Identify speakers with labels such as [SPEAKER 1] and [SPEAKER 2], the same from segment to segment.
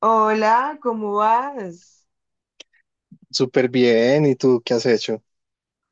[SPEAKER 1] Hola, ¿cómo vas?
[SPEAKER 2] Súper bien, ¿y tú qué has hecho?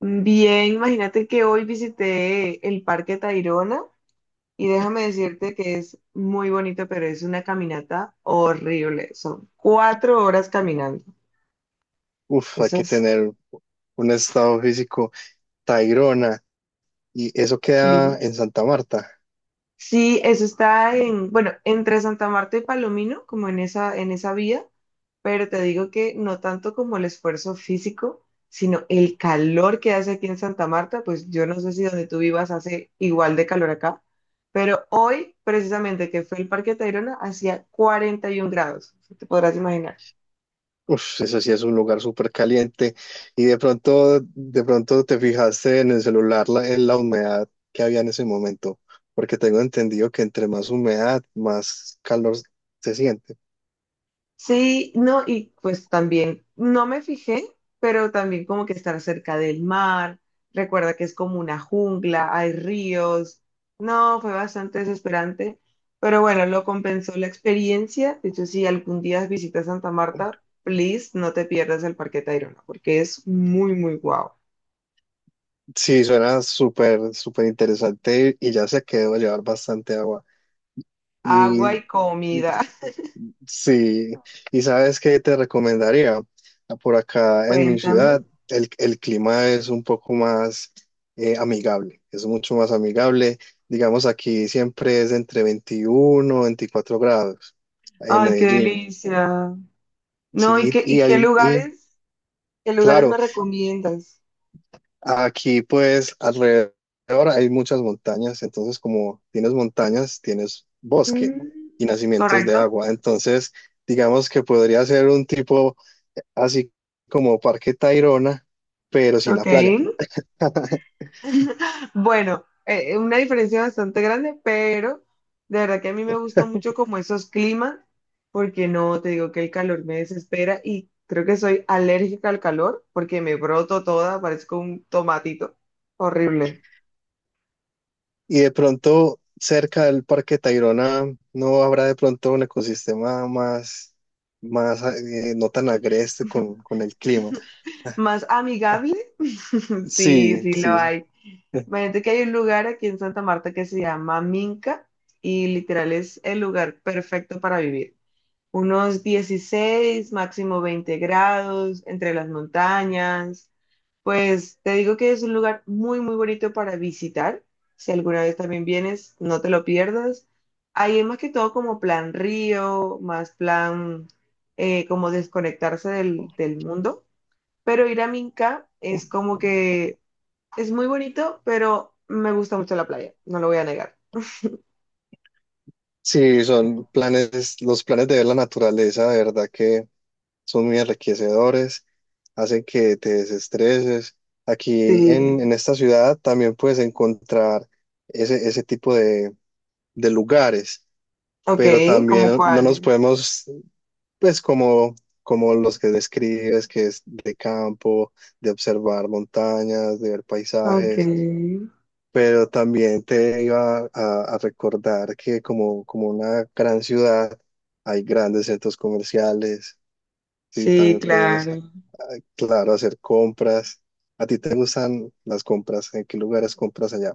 [SPEAKER 1] Bien, imagínate que hoy visité el Parque Tayrona y déjame decirte que es muy bonito, pero es una caminata horrible. Son 4 horas caminando.
[SPEAKER 2] Uf, hay
[SPEAKER 1] Eso
[SPEAKER 2] que
[SPEAKER 1] es,
[SPEAKER 2] tener un estado físico Tayrona, y eso
[SPEAKER 1] sí.
[SPEAKER 2] queda en Santa Marta.
[SPEAKER 1] Sí, eso está en, bueno, entre Santa Marta y Palomino, como en esa, vía, pero te digo que no tanto como el esfuerzo físico, sino el calor que hace aquí en Santa Marta, pues yo no sé si donde tú vivas hace igual de calor acá, pero hoy, precisamente que fue el Parque Tayrona, hacía 41 grados, te podrás imaginar.
[SPEAKER 2] Uf, ese sí es un lugar súper caliente. Y de pronto te fijaste en el celular en la humedad que había en ese momento, porque tengo entendido que entre más humedad, más calor se siente.
[SPEAKER 1] Sí, no, y pues también, no me fijé, pero también como que estar cerca del mar, recuerda que es como una jungla, hay ríos, no, fue bastante desesperante, pero bueno, lo compensó la experiencia, de hecho, si algún día visitas Santa Marta, please, no te pierdas el Parque Tayrona, porque es muy, muy guau.
[SPEAKER 2] Sí, suena súper, súper interesante y ya se quedó a llevar bastante agua.
[SPEAKER 1] Agua
[SPEAKER 2] Y
[SPEAKER 1] y comida,
[SPEAKER 2] Sí, y sabes qué te recomendaría. Ah, por acá en mi ciudad,
[SPEAKER 1] cuéntame.
[SPEAKER 2] el clima es un poco más amigable, es mucho más amigable. Digamos, aquí siempre es entre 21, o 24 grados en
[SPEAKER 1] Ay, qué
[SPEAKER 2] Medellín.
[SPEAKER 1] delicia. No,
[SPEAKER 2] Sí,
[SPEAKER 1] qué lugares me
[SPEAKER 2] claro,
[SPEAKER 1] recomiendas?
[SPEAKER 2] aquí pues alrededor hay muchas montañas, entonces como tienes montañas, tienes bosque
[SPEAKER 1] Mm,
[SPEAKER 2] y nacimientos de
[SPEAKER 1] correcto,
[SPEAKER 2] agua. Entonces, digamos que podría ser un tipo así como Parque Tayrona, pero sin la
[SPEAKER 1] ok.
[SPEAKER 2] playa.
[SPEAKER 1] Bueno, una diferencia bastante grande, pero de verdad que a mí me gustan mucho como esos climas, porque no, te digo que el calor me desespera y creo que soy alérgica al calor porque me broto toda, parezco un tomatito. Horrible.
[SPEAKER 2] Y de pronto, cerca del Parque Tayrona, no habrá de pronto un ecosistema más no tan agreste con el clima.
[SPEAKER 1] Más amigable, sí,
[SPEAKER 2] Sí,
[SPEAKER 1] sí lo
[SPEAKER 2] sí,
[SPEAKER 1] hay. Imagínate que hay un lugar aquí en Santa Marta que se llama Minca y literal es el lugar perfecto para vivir. Unos 16, máximo 20 grados, entre las montañas. Pues te digo que es un lugar muy, muy bonito para visitar. Si alguna vez también vienes, no te lo pierdas. Ahí es más que todo como plan río, más plan como desconectarse del mundo. Pero ir a Minca es como que es muy bonito, pero me gusta mucho la playa, no lo voy a negar.
[SPEAKER 2] sí, son planes, los planes de ver la naturaleza, de verdad que son muy enriquecedores, hacen que te desestreses. Aquí en,
[SPEAKER 1] Sí,
[SPEAKER 2] en esta ciudad también puedes encontrar ese tipo de lugares
[SPEAKER 1] ok,
[SPEAKER 2] pero
[SPEAKER 1] ¿como
[SPEAKER 2] también no nos
[SPEAKER 1] cuáles?
[SPEAKER 2] podemos, pues como los que describes, que es de campo, de observar montañas, de ver
[SPEAKER 1] Ok.
[SPEAKER 2] paisajes, pero también te iba a recordar que como una gran ciudad hay grandes centros comerciales, sí,
[SPEAKER 1] Sí,
[SPEAKER 2] también puedes,
[SPEAKER 1] claro.
[SPEAKER 2] claro, hacer compras. ¿A ti te gustan las compras? ¿En qué lugares compras allá?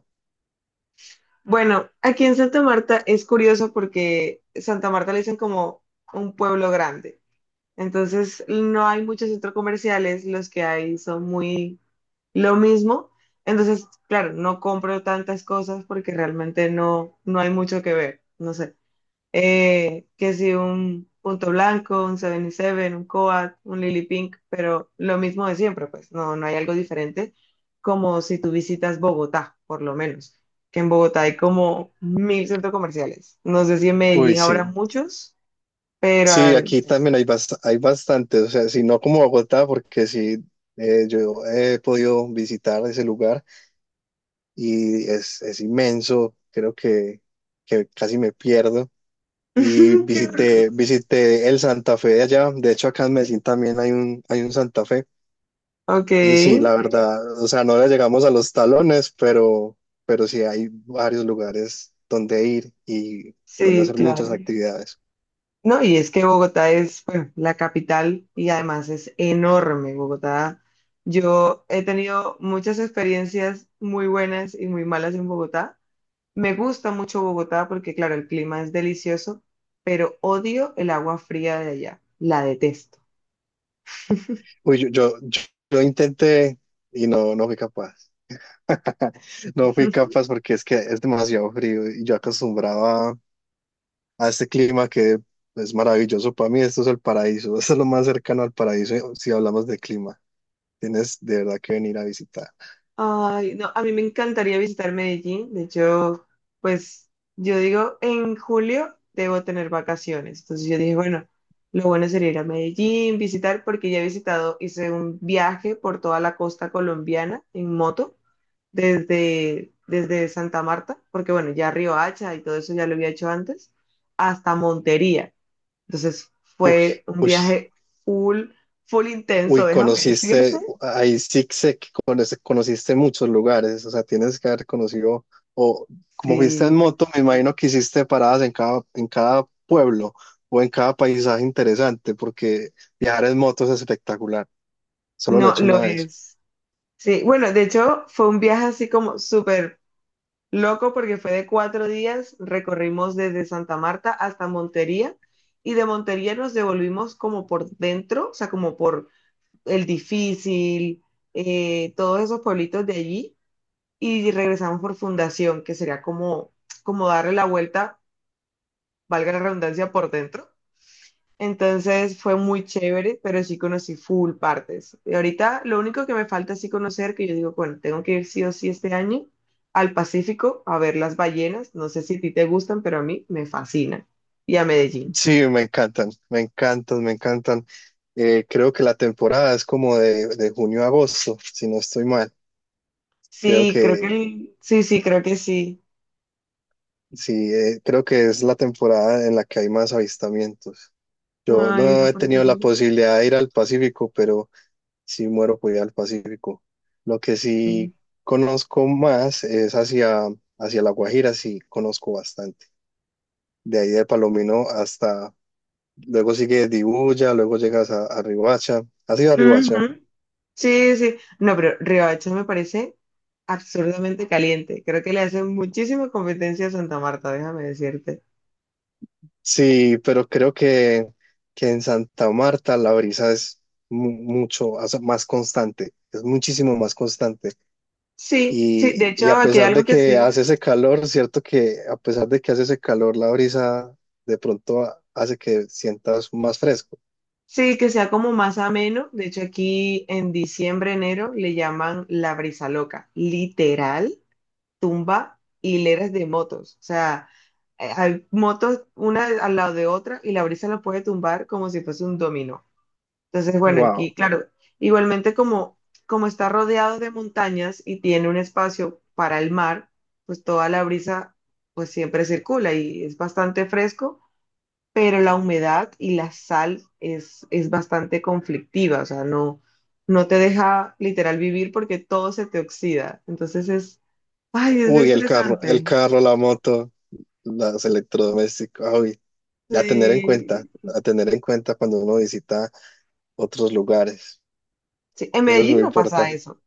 [SPEAKER 1] Bueno, aquí en Santa Marta es curioso porque Santa Marta le dicen como un pueblo grande. Entonces no hay muchos centros comerciales, los que hay son muy lo mismo. Entonces, claro, no compro tantas cosas porque realmente no, no hay mucho que ver. No sé. Que si un Punto Blanco, un 77, un Coat, un Lily Pink, pero lo mismo de siempre, pues no, no hay algo diferente, como si tú visitas Bogotá, por lo menos, que en Bogotá hay como mil centros comerciales. No sé si en
[SPEAKER 2] Uy,
[SPEAKER 1] Medellín
[SPEAKER 2] sí.
[SPEAKER 1] habrá muchos, pero...
[SPEAKER 2] Sí,
[SPEAKER 1] ay,
[SPEAKER 2] aquí también hay bastante, o sea, si no como Bogotá, porque sí, yo he podido visitar ese lugar y es inmenso, creo que casi me pierdo. Y
[SPEAKER 1] qué horror.
[SPEAKER 2] visité el Santa Fe de allá, de hecho acá en Medellín también hay un Santa Fe.
[SPEAKER 1] Ok,
[SPEAKER 2] Y sí, la, sí, verdad, o sea, no le llegamos a los talones, pero sí hay varios lugares donde ir y donde
[SPEAKER 1] sí,
[SPEAKER 2] hacer muchas
[SPEAKER 1] claro.
[SPEAKER 2] actividades.
[SPEAKER 1] No, y es que Bogotá es, bueno, la capital y además es enorme Bogotá. Yo he tenido muchas experiencias muy buenas y muy malas en Bogotá. Me gusta mucho Bogotá porque, claro, el clima es delicioso, pero odio el agua fría de allá. La detesto.
[SPEAKER 2] Uy, yo intenté y no, no fui capaz. No fui capaz porque es que es demasiado frío y yo acostumbraba a este clima que es maravilloso. Para mí esto es el paraíso, esto es lo más cercano al paraíso si hablamos de clima. Tienes de verdad que venir a visitar.
[SPEAKER 1] Ay, no, a mí me encantaría visitar Medellín. De hecho, pues yo digo, en julio debo tener vacaciones. Entonces yo dije, bueno, lo bueno sería ir a Medellín, visitar, porque ya he visitado, hice un viaje por toda la costa colombiana en moto, desde Santa Marta, porque bueno, ya Hacha y todo eso ya lo había hecho antes, hasta Montería. Entonces
[SPEAKER 2] Uy,
[SPEAKER 1] fue un
[SPEAKER 2] uy.
[SPEAKER 1] viaje full, full intenso,
[SPEAKER 2] Uy,
[SPEAKER 1] déjame decirte.
[SPEAKER 2] conociste, ahí sí sé que conociste muchos lugares, o sea, tienes que haber conocido, o como fuiste en
[SPEAKER 1] Sí,
[SPEAKER 2] moto, me imagino que hiciste paradas en cada pueblo o en cada paisaje interesante, porque viajar en moto es espectacular, solo lo he
[SPEAKER 1] no,
[SPEAKER 2] hecho
[SPEAKER 1] lo
[SPEAKER 2] una vez.
[SPEAKER 1] es. Sí, bueno, de hecho fue un viaje así como súper loco porque fue de 4 días, recorrimos desde Santa Marta hasta Montería y de Montería nos devolvimos como por dentro, o sea, como por El Difícil, todos esos pueblitos de allí y regresamos por Fundación, que sería como, como darle la vuelta, valga la redundancia, por dentro, entonces fue muy chévere, pero sí conocí full partes. Y ahorita lo único que me falta así conocer, que yo digo, bueno, tengo que ir sí o sí este año al Pacífico a ver las ballenas. No sé si a ti te gustan, pero a mí me fascinan. Y a Medellín.
[SPEAKER 2] Sí, me encantan, me encantan, me encantan. Creo que la temporada es como de junio a agosto, si no estoy mal. Creo
[SPEAKER 1] Sí, creo que
[SPEAKER 2] que
[SPEAKER 1] sí, sí, creo que sí.
[SPEAKER 2] sí, creo que es la temporada en la que hay más avistamientos. Yo
[SPEAKER 1] Ay,
[SPEAKER 2] no
[SPEAKER 1] no
[SPEAKER 2] he
[SPEAKER 1] parece.
[SPEAKER 2] tenido la
[SPEAKER 1] Ujú.
[SPEAKER 2] posibilidad de ir al Pacífico, pero sí muero por ir al Pacífico. Lo que sí conozco más es hacia La Guajira, sí conozco bastante. De ahí de Palomino hasta, luego sigue Dibuya, luego llegas a Riohacha. ¿Has ido a Riohacha?
[SPEAKER 1] Sí, sí. No, pero Riohacha me parece absurdamente caliente. Creo que le hace muchísima competencia a Santa Marta, déjame decirte.
[SPEAKER 2] Sí, pero creo que en Santa Marta la brisa es mucho, o sea, más constante, es muchísimo más constante.
[SPEAKER 1] Sí, sí,
[SPEAKER 2] Y,
[SPEAKER 1] de hecho,
[SPEAKER 2] y a
[SPEAKER 1] aquí hay
[SPEAKER 2] pesar de
[SPEAKER 1] algo que
[SPEAKER 2] que
[SPEAKER 1] sí.
[SPEAKER 2] hace ese calor, cierto que a pesar de que hace ese calor, la brisa de pronto hace que sientas más fresco.
[SPEAKER 1] Sí, que sea como más ameno. De hecho, aquí en diciembre, enero, le llaman la brisa loca. Literal, tumba hileras de motos. O sea, hay motos una al lado de otra y la brisa la puede tumbar como si fuese un dominó. Entonces, bueno, aquí,
[SPEAKER 2] Wow.
[SPEAKER 1] claro, igualmente como, como está rodeado de montañas y tiene un espacio para el mar, pues toda la brisa pues siempre circula y es bastante fresco, pero la humedad y la sal es bastante conflictiva, o sea, no, no te deja literal vivir porque todo se te oxida. Entonces es, ay, es
[SPEAKER 2] Uy, el carro, el
[SPEAKER 1] estresante.
[SPEAKER 2] carro, la moto, los electrodomésticos. Uy, a tener en cuenta,
[SPEAKER 1] Sí,
[SPEAKER 2] a tener en cuenta cuando uno visita otros lugares.
[SPEAKER 1] sí, en
[SPEAKER 2] Eso es
[SPEAKER 1] Medellín
[SPEAKER 2] muy
[SPEAKER 1] no pasa
[SPEAKER 2] importante.
[SPEAKER 1] eso.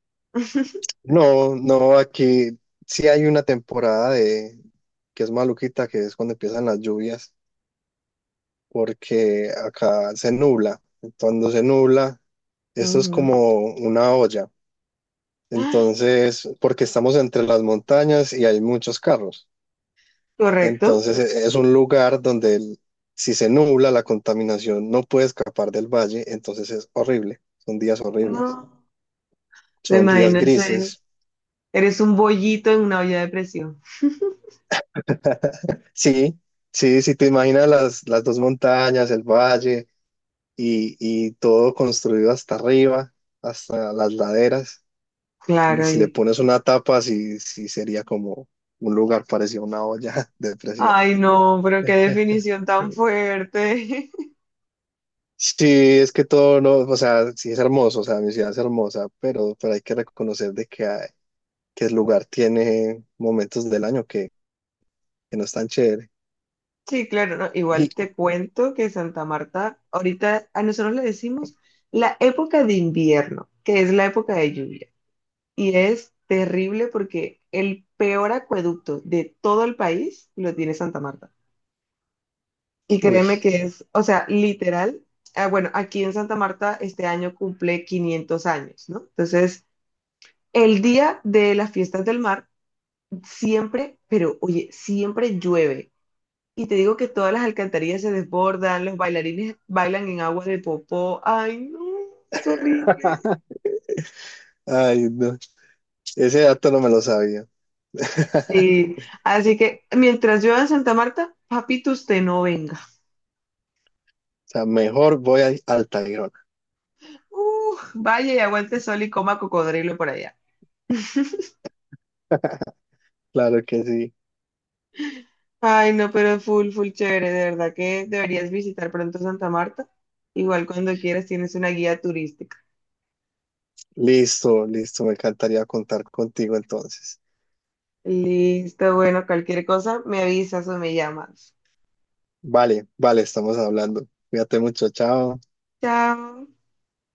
[SPEAKER 2] No, no, aquí sí hay una temporada de que es maluquita, que es cuando empiezan las lluvias porque acá se nubla. Cuando se nubla, esto es
[SPEAKER 1] Ujú.
[SPEAKER 2] como una olla. Entonces, porque estamos entre las montañas y hay muchos carros.
[SPEAKER 1] ¿Correcto?
[SPEAKER 2] Entonces, es un lugar donde si se nubla, la contaminación no puede escapar del valle. Entonces, es horrible. Son días horribles.
[SPEAKER 1] No, me
[SPEAKER 2] Son días
[SPEAKER 1] imagino ese,
[SPEAKER 2] grises.
[SPEAKER 1] eres un bollito en una olla de presión.
[SPEAKER 2] Sí, sí, si te imaginas las dos montañas, el valle y todo construido hasta arriba, hasta las laderas. Y
[SPEAKER 1] Claro,
[SPEAKER 2] si le
[SPEAKER 1] y,
[SPEAKER 2] pones una tapa, sí, sí sería como un lugar parecido a una olla de presión.
[SPEAKER 1] ay, no, pero qué definición tan fuerte.
[SPEAKER 2] Sí, es que todo no, o sea, sí es hermoso, o sea, mi ciudad es hermosa, pero hay que reconocer de que, que el lugar tiene momentos del año que no están chévere.
[SPEAKER 1] Sí, claro, ¿no?
[SPEAKER 2] Y,
[SPEAKER 1] Igual te cuento que Santa Marta, ahorita a nosotros le decimos la época de invierno, que es la época de lluvia. Y es terrible porque el peor acueducto de todo el país lo tiene Santa Marta. Y
[SPEAKER 2] uy,
[SPEAKER 1] créeme que es, o sea, literal, ah, bueno, aquí en Santa Marta este año cumple 500 años, ¿no? Entonces, el día de las fiestas del mar siempre, pero oye, siempre llueve. Y te digo que todas las alcantarillas se desbordan, los bailarines bailan en agua de popó. Ay, no, es horrible.
[SPEAKER 2] ay, no, ese dato no me lo sabía.
[SPEAKER 1] Sí, así que mientras llueva en Santa Marta, papito, usted no venga.
[SPEAKER 2] O sea, mejor voy a Altairona.
[SPEAKER 1] Vaya y aguante sol y coma cocodrilo por allá.
[SPEAKER 2] Claro que sí.
[SPEAKER 1] Ay, no, pero full, full chévere, de verdad que deberías visitar pronto Santa Marta. Igual cuando quieras tienes una guía turística.
[SPEAKER 2] Listo, listo, me encantaría contar contigo entonces.
[SPEAKER 1] Listo, bueno, cualquier cosa me avisas o me llamas.
[SPEAKER 2] Vale, vale, estamos hablando. Cuídate mucho, chao.
[SPEAKER 1] Chao.